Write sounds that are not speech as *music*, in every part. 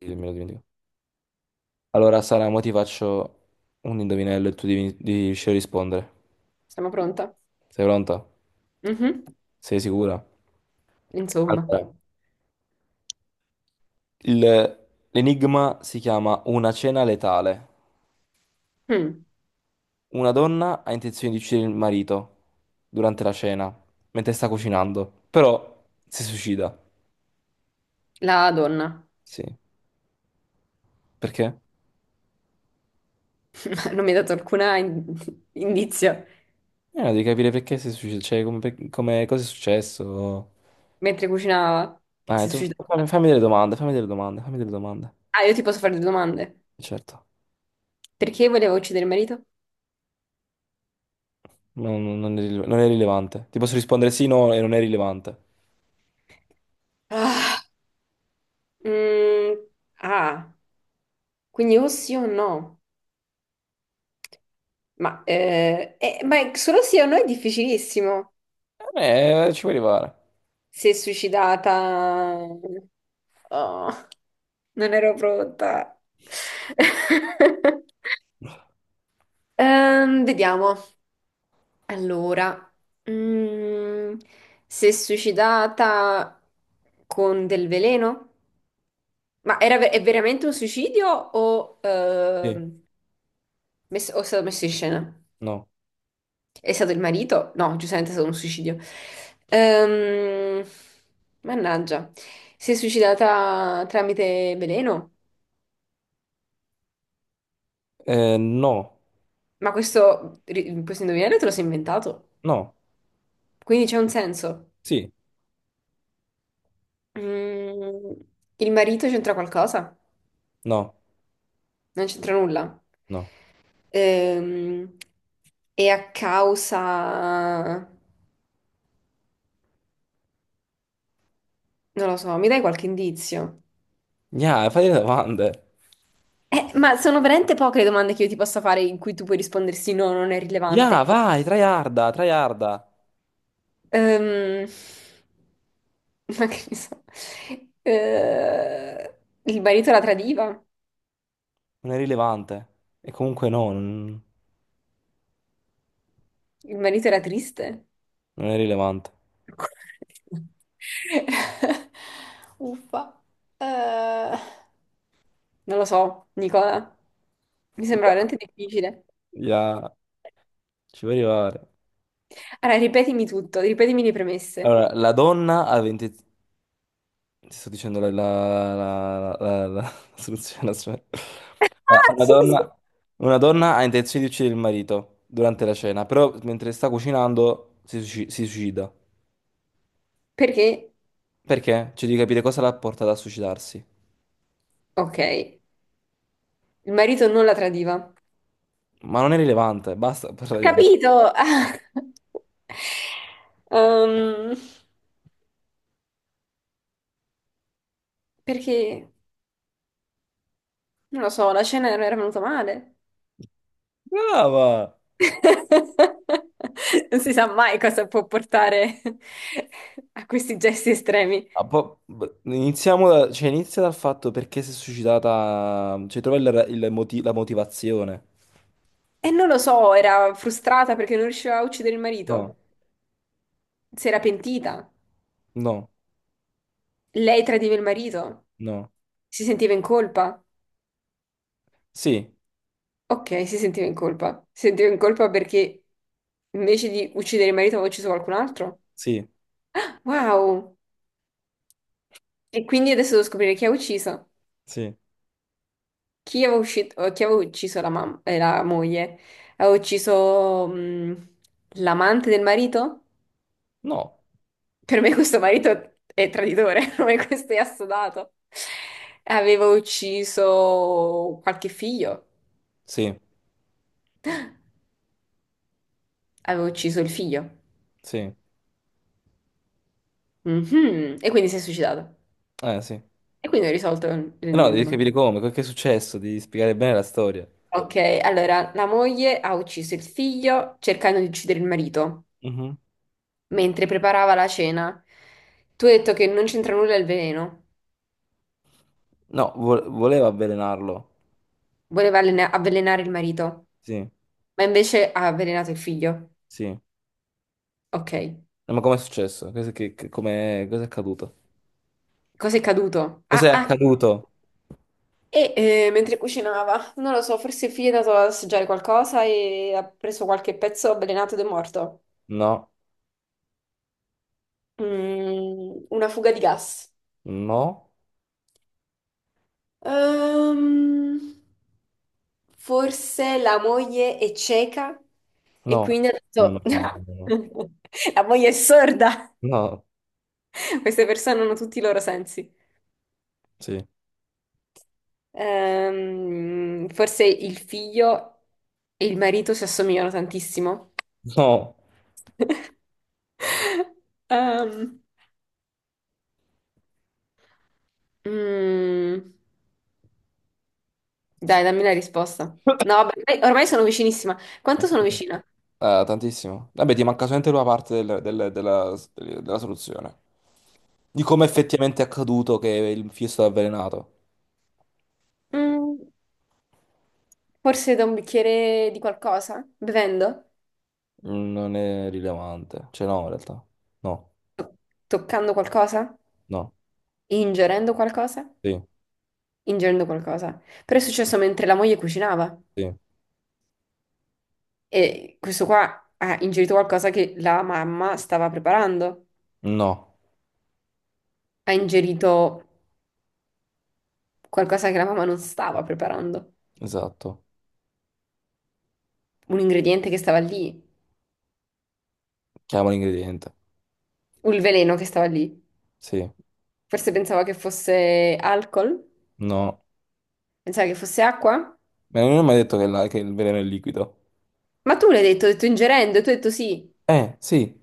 Sì, me lo dimentico. Allora, Sara, mo ti faccio un indovinello e tu devi riuscire a rispondere. Sono pronta? Sei pronta? Mhm. Sei sicura? Insomma. Allora, il- l'enigma si chiama Una cena letale. Mm. Una donna ha intenzione di uccidere il marito durante la cena, mentre sta cucinando, però si suicida. La donna Sì. Perché? *laughs* non mi ha dato alcuna indizio. Devi capire perché si suicida, cioè come, cosa è successo. Mentre cucinava, si è Tu fammi, suicidata. fammi delle domande, fammi delle domande, fammi delle domande. Ah, io ti posso fare due domande. Certo. Perché voleva uccidere il marito? Non è rilevante. Ti posso rispondere sì, no, e non è rilevante. Ah, mm, ah. Quindi o sì o no. Ma solo sì o no è difficilissimo. Ci puoi arrivare. Si è suicidata. Oh, non ero pronta. *laughs* Vediamo. Allora, mm, si è suicidata con del veleno? Ma era è veramente un suicidio o, Sì, o è stato messo in scena? no. È stato il marito? No, giustamente è stato un suicidio. Ehm, Mannaggia, si è suicidata tramite veleno? No, Ma questo indovinello te lo sei inventato? no, Quindi c'è un senso. sì, Mm, il marito c'entra qualcosa? no, Non c'entra nulla. no. Ehm, e a causa. Non lo so, mi dai qualche indizio? Gna, fai le domande. Ma sono veramente poche le domande che io ti possa fare in cui tu puoi rispondere sì, no, non è Gna, rilevante. vai, tryharda, tryharda. Ehm, *laughs* ma che ne so. Eh, il marito la tradiva? Non è rilevante. E comunque no, non, Il marito era triste? non è rilevante. *laughs* Uffa. Eh, Non lo so, Nicola. Mi sembra Già. veramente difficile. Gna, ci puoi arrivare. Allora, ripetimi tutto, ripetimi le premesse. Allora, la donna ha 20. Ti sto dicendo la *laughs* soluzione, aspetta. *laughs* Ah, Ah, Una sì, sì. donna, una donna ha intenzione di uccidere il marito durante la cena, però mentre sta cucinando si suicida. Perché, Perché? Cioè, di capire cosa l'ha portata a suicidarsi. ok, il marito non la tradiva. Ho Ma non è rilevante, basta *laughs* parlare. capito? *laughs* Ah. Ehm, Perché, non lo so, la cena era venuta male. Brava! *laughs* Non si sa mai cosa può portare a questi gesti estremi. Ah, cioè, inizia dal fatto perché si è suicidata, cioè trova la motivazione. E non lo so, era frustrata perché non riusciva a uccidere il No, marito. Si era pentita. no, Lei tradiva il marito? no. Si sentiva in colpa? Sì, Ok, si sentiva in colpa. Si sentiva in colpa perché invece di uccidere il marito aveva ucciso qualcun altro? sì, Wow! E quindi adesso devo scoprire chi ha ucciso. sì. Chi aveva ucciso la moglie? Aveva ucciso l'amante del marito? No. Per me questo marito è traditore, *laughs* per me questo è assodato. Aveva ucciso qualche figlio? Sì, Aveva ucciso il figlio. sì, Mhm. E quindi si è suicidato. eh sì. Eh, E quindi hai risolto No, devi l'enigma. capire come, che è successo, devi spiegare bene la storia. Ok, allora la moglie ha ucciso il figlio cercando di uccidere il marito Mhm. mentre preparava la cena. Tu hai detto che non c'entra nulla il veleno. No, voleva avvelenarlo. Voleva avvelenare il marito, Sì, ma invece ha avvelenato il figlio. sì. Ok, No, ma com'è successo? Cosa, che- com'è- cosa è accaduto? cosa è caduto? Cos'è Ah, ah, accaduto? e mentre cucinava, non lo so, forse il figlio è andato a assaggiare qualcosa e ha preso qualche pezzo avvelenato ed è morto. No, Una fuga di gas. no, Ehm, Forse la moglie è cieca e no, quindi ha no, no, detto. no, no, *laughs* La moglie è sorda. no, Queste persone hanno tutti i loro sensi. sì, Forse il figlio e il marito si assomigliano tantissimo. no. *laughs* Ehm, mm, Dai, dammi la risposta. No, vabbè, ormai sono vicinissima. Quanto sono *coughs* vicina? Tantissimo. Vabbè, ti manca solamente una parte della soluzione. Di come effettivamente è accaduto che il fischio è stato avvelenato. Mm, Forse da un bicchiere di qualcosa? Bevendo? Non è rilevante. Cioè, no, in realtà. No, to- Toccando qualcosa? no, Ingerendo qualcosa? sì, Ingerendo qualcosa. Però è successo mentre la moglie cucinava sì. e questo qua ha ingerito qualcosa che la mamma stava preparando. No, Ha ingerito qualcosa che la mamma non stava preparando. esatto. Un ingrediente che stava lì, Chiama l'ingrediente. un veleno che stava lì. Sì, Forse pensava che fosse alcol, no. pensava che fosse acqua. Ma non mi ha mai detto che, che il veleno è liquido. Ma tu l'hai detto, hai detto ingerendo, e tu hai detto sì. Sì,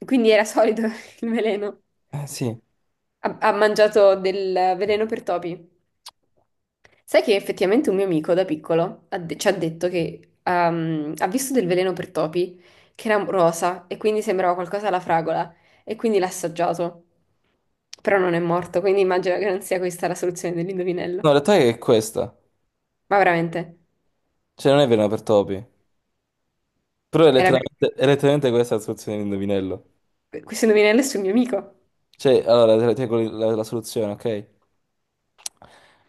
E quindi era solido *laughs* il veleno. Sì. No, Ha mangiato del veleno per topi. Sai che effettivamente un mio amico da piccolo ci ha detto che ha visto del veleno per topi che era rosa e quindi sembrava qualcosa alla fragola e quindi l'ha assaggiato. Però non è morto, quindi immagino che non sia questa la soluzione dell'indovinello. in realtà è questa. Ma veramente, Cioè, non è veleno per topi. Però è era letteralmente, è letteralmente questa la soluzione dell'indovinello. Questo indovinello è sul mio amico. Cioè, allora, la soluzione, ok?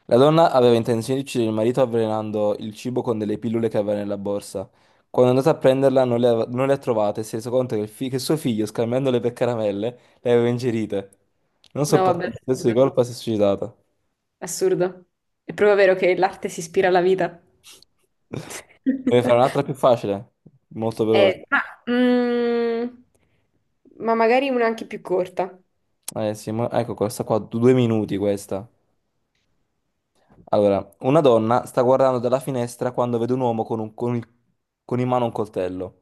La donna aveva intenzione di uccidere il marito avvelenando il cibo con delle pillole che aveva nella borsa. Quando è andata a prenderla non le ha trovate e si è reso conto che suo figlio, scambiandole per caramelle, le aveva ingerite. Non No, sopportando vabbè, il senso di assurdo. colpa, si è suicidata. Assurdo. È proprio vero che l'arte si ispira alla vita. Deve fare *laughs* un'altra più facile, molto veloce. Eh, ma, mm, ma magari una anche più corta. Eh sì, ecco questa qua, due minuti questa. Allora, una donna sta guardando dalla finestra quando vede un uomo con in mano un coltello.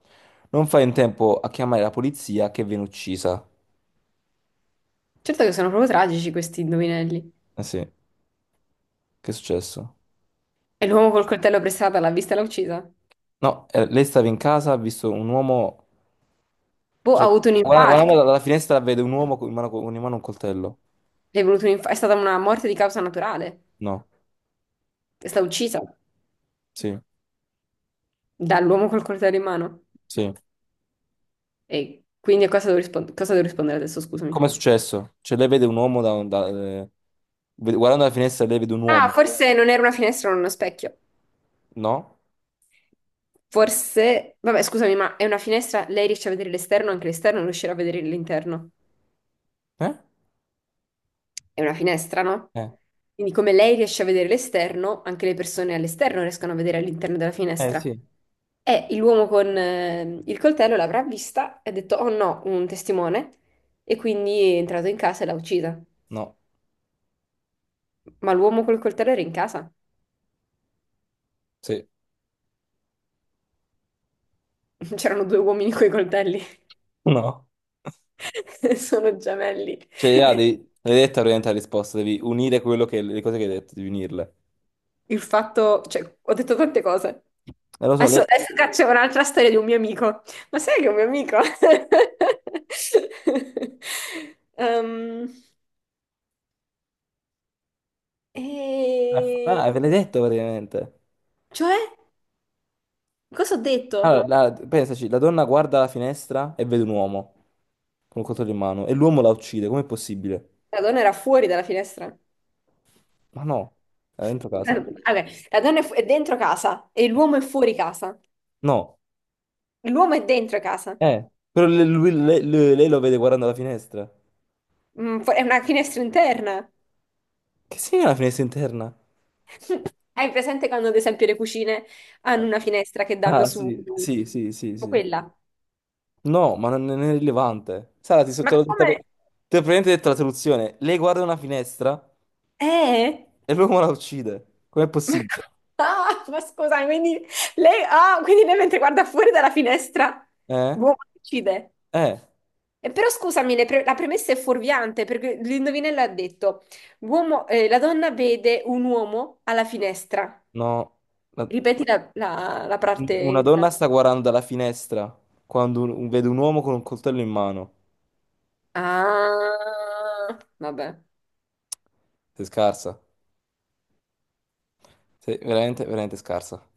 Non fa in tempo a chiamare la polizia che viene uccisa. Certo che sono proprio tragici questi indovinelli. Eh sì, che è successo? E l'uomo col coltello pressato l'ha vista e l'ha uccisa? No, lei stava in casa, ha visto un uomo. Boh, ha Cioè, avuto un Vabbè, infarto. guardando dalla finestra vede un uomo con in mano un coltello. È, venuto un inf- È stata una morte di causa naturale. No, È stata uccisa sì, dall'uomo col coltello in mano. sì. E quindi a cosa devo rispondere adesso, Com'è scusami? successo? Cioè, lei vede un uomo. Guardando dalla finestra lei vede un Ah, uomo. forse non era una finestra, non uno specchio. No? Forse. Vabbè, scusami, ma è una finestra, lei riesce a vedere l'esterno, anche l'esterno non riuscirà a vedere l'interno. Eh? È una finestra, no? Eh, Quindi come lei riesce a vedere l'esterno, anche le persone all'esterno riescono a vedere all'interno della eh finestra. sì. E l'uomo con il coltello l'avrà vista e ha detto, oh no, un testimone, e quindi è entrato in casa e l'ha uccisa. No, Ma l'uomo col coltello era in casa. sì. *laughs* C'erano due uomini coi coltelli. No. *laughs* Sono gemelli. Cioè, ah, l'hai detta praticamente la risposta, devi unire le cose che hai detto, devi unirle. Il fatto, cioè, ho detto tante cose. E lo so, Adesso, lei... adesso c'è un'altra storia di un mio amico. Ma sai che è un mio amico? *laughs* Ehm, Ah, e. ve l'hai detto praticamente. Cioè, cosa ho detto? Allora, pensaci, la donna guarda la finestra e vede un uomo con un coltello in mano e l'uomo la uccide, com'è possibile? La donna era fuori dalla finestra. Ma no, era dentro casa. Vabbè, la donna è, è dentro casa e l'uomo è fuori casa. No, L'uomo è dentro casa. Però lei lo vede guardando la finestra. È una finestra interna. Che segna la finestra interna? *laughs* Hai presente quando, ad esempio, le cucine hanno Ah, una finestra che danno ah, su sì, sì, sì, sì, tipo sì. quella? No, ma non è rilevante. Sara, ti, so- Ma te l'ho detta pre- come? te l'ho praticamente detto la soluzione. Lei guarda una finestra Eh? e l'uomo la uccide. Com'è Ma possibile? co- Ah, ma scusa, quindi lei mentre guarda fuori dalla finestra, Eh? l'uomo uccide. Eh? E però scusami, la premessa è fuorviante perché l'indovinello ha detto, la donna vede un uomo alla finestra. No. La- Ripeti la parte Una donna iniziale. sta guardando dalla finestra quando vede un uomo con un coltello in mano. Ah, vabbè. Sei scarsa. Sei veramente, veramente scarsa.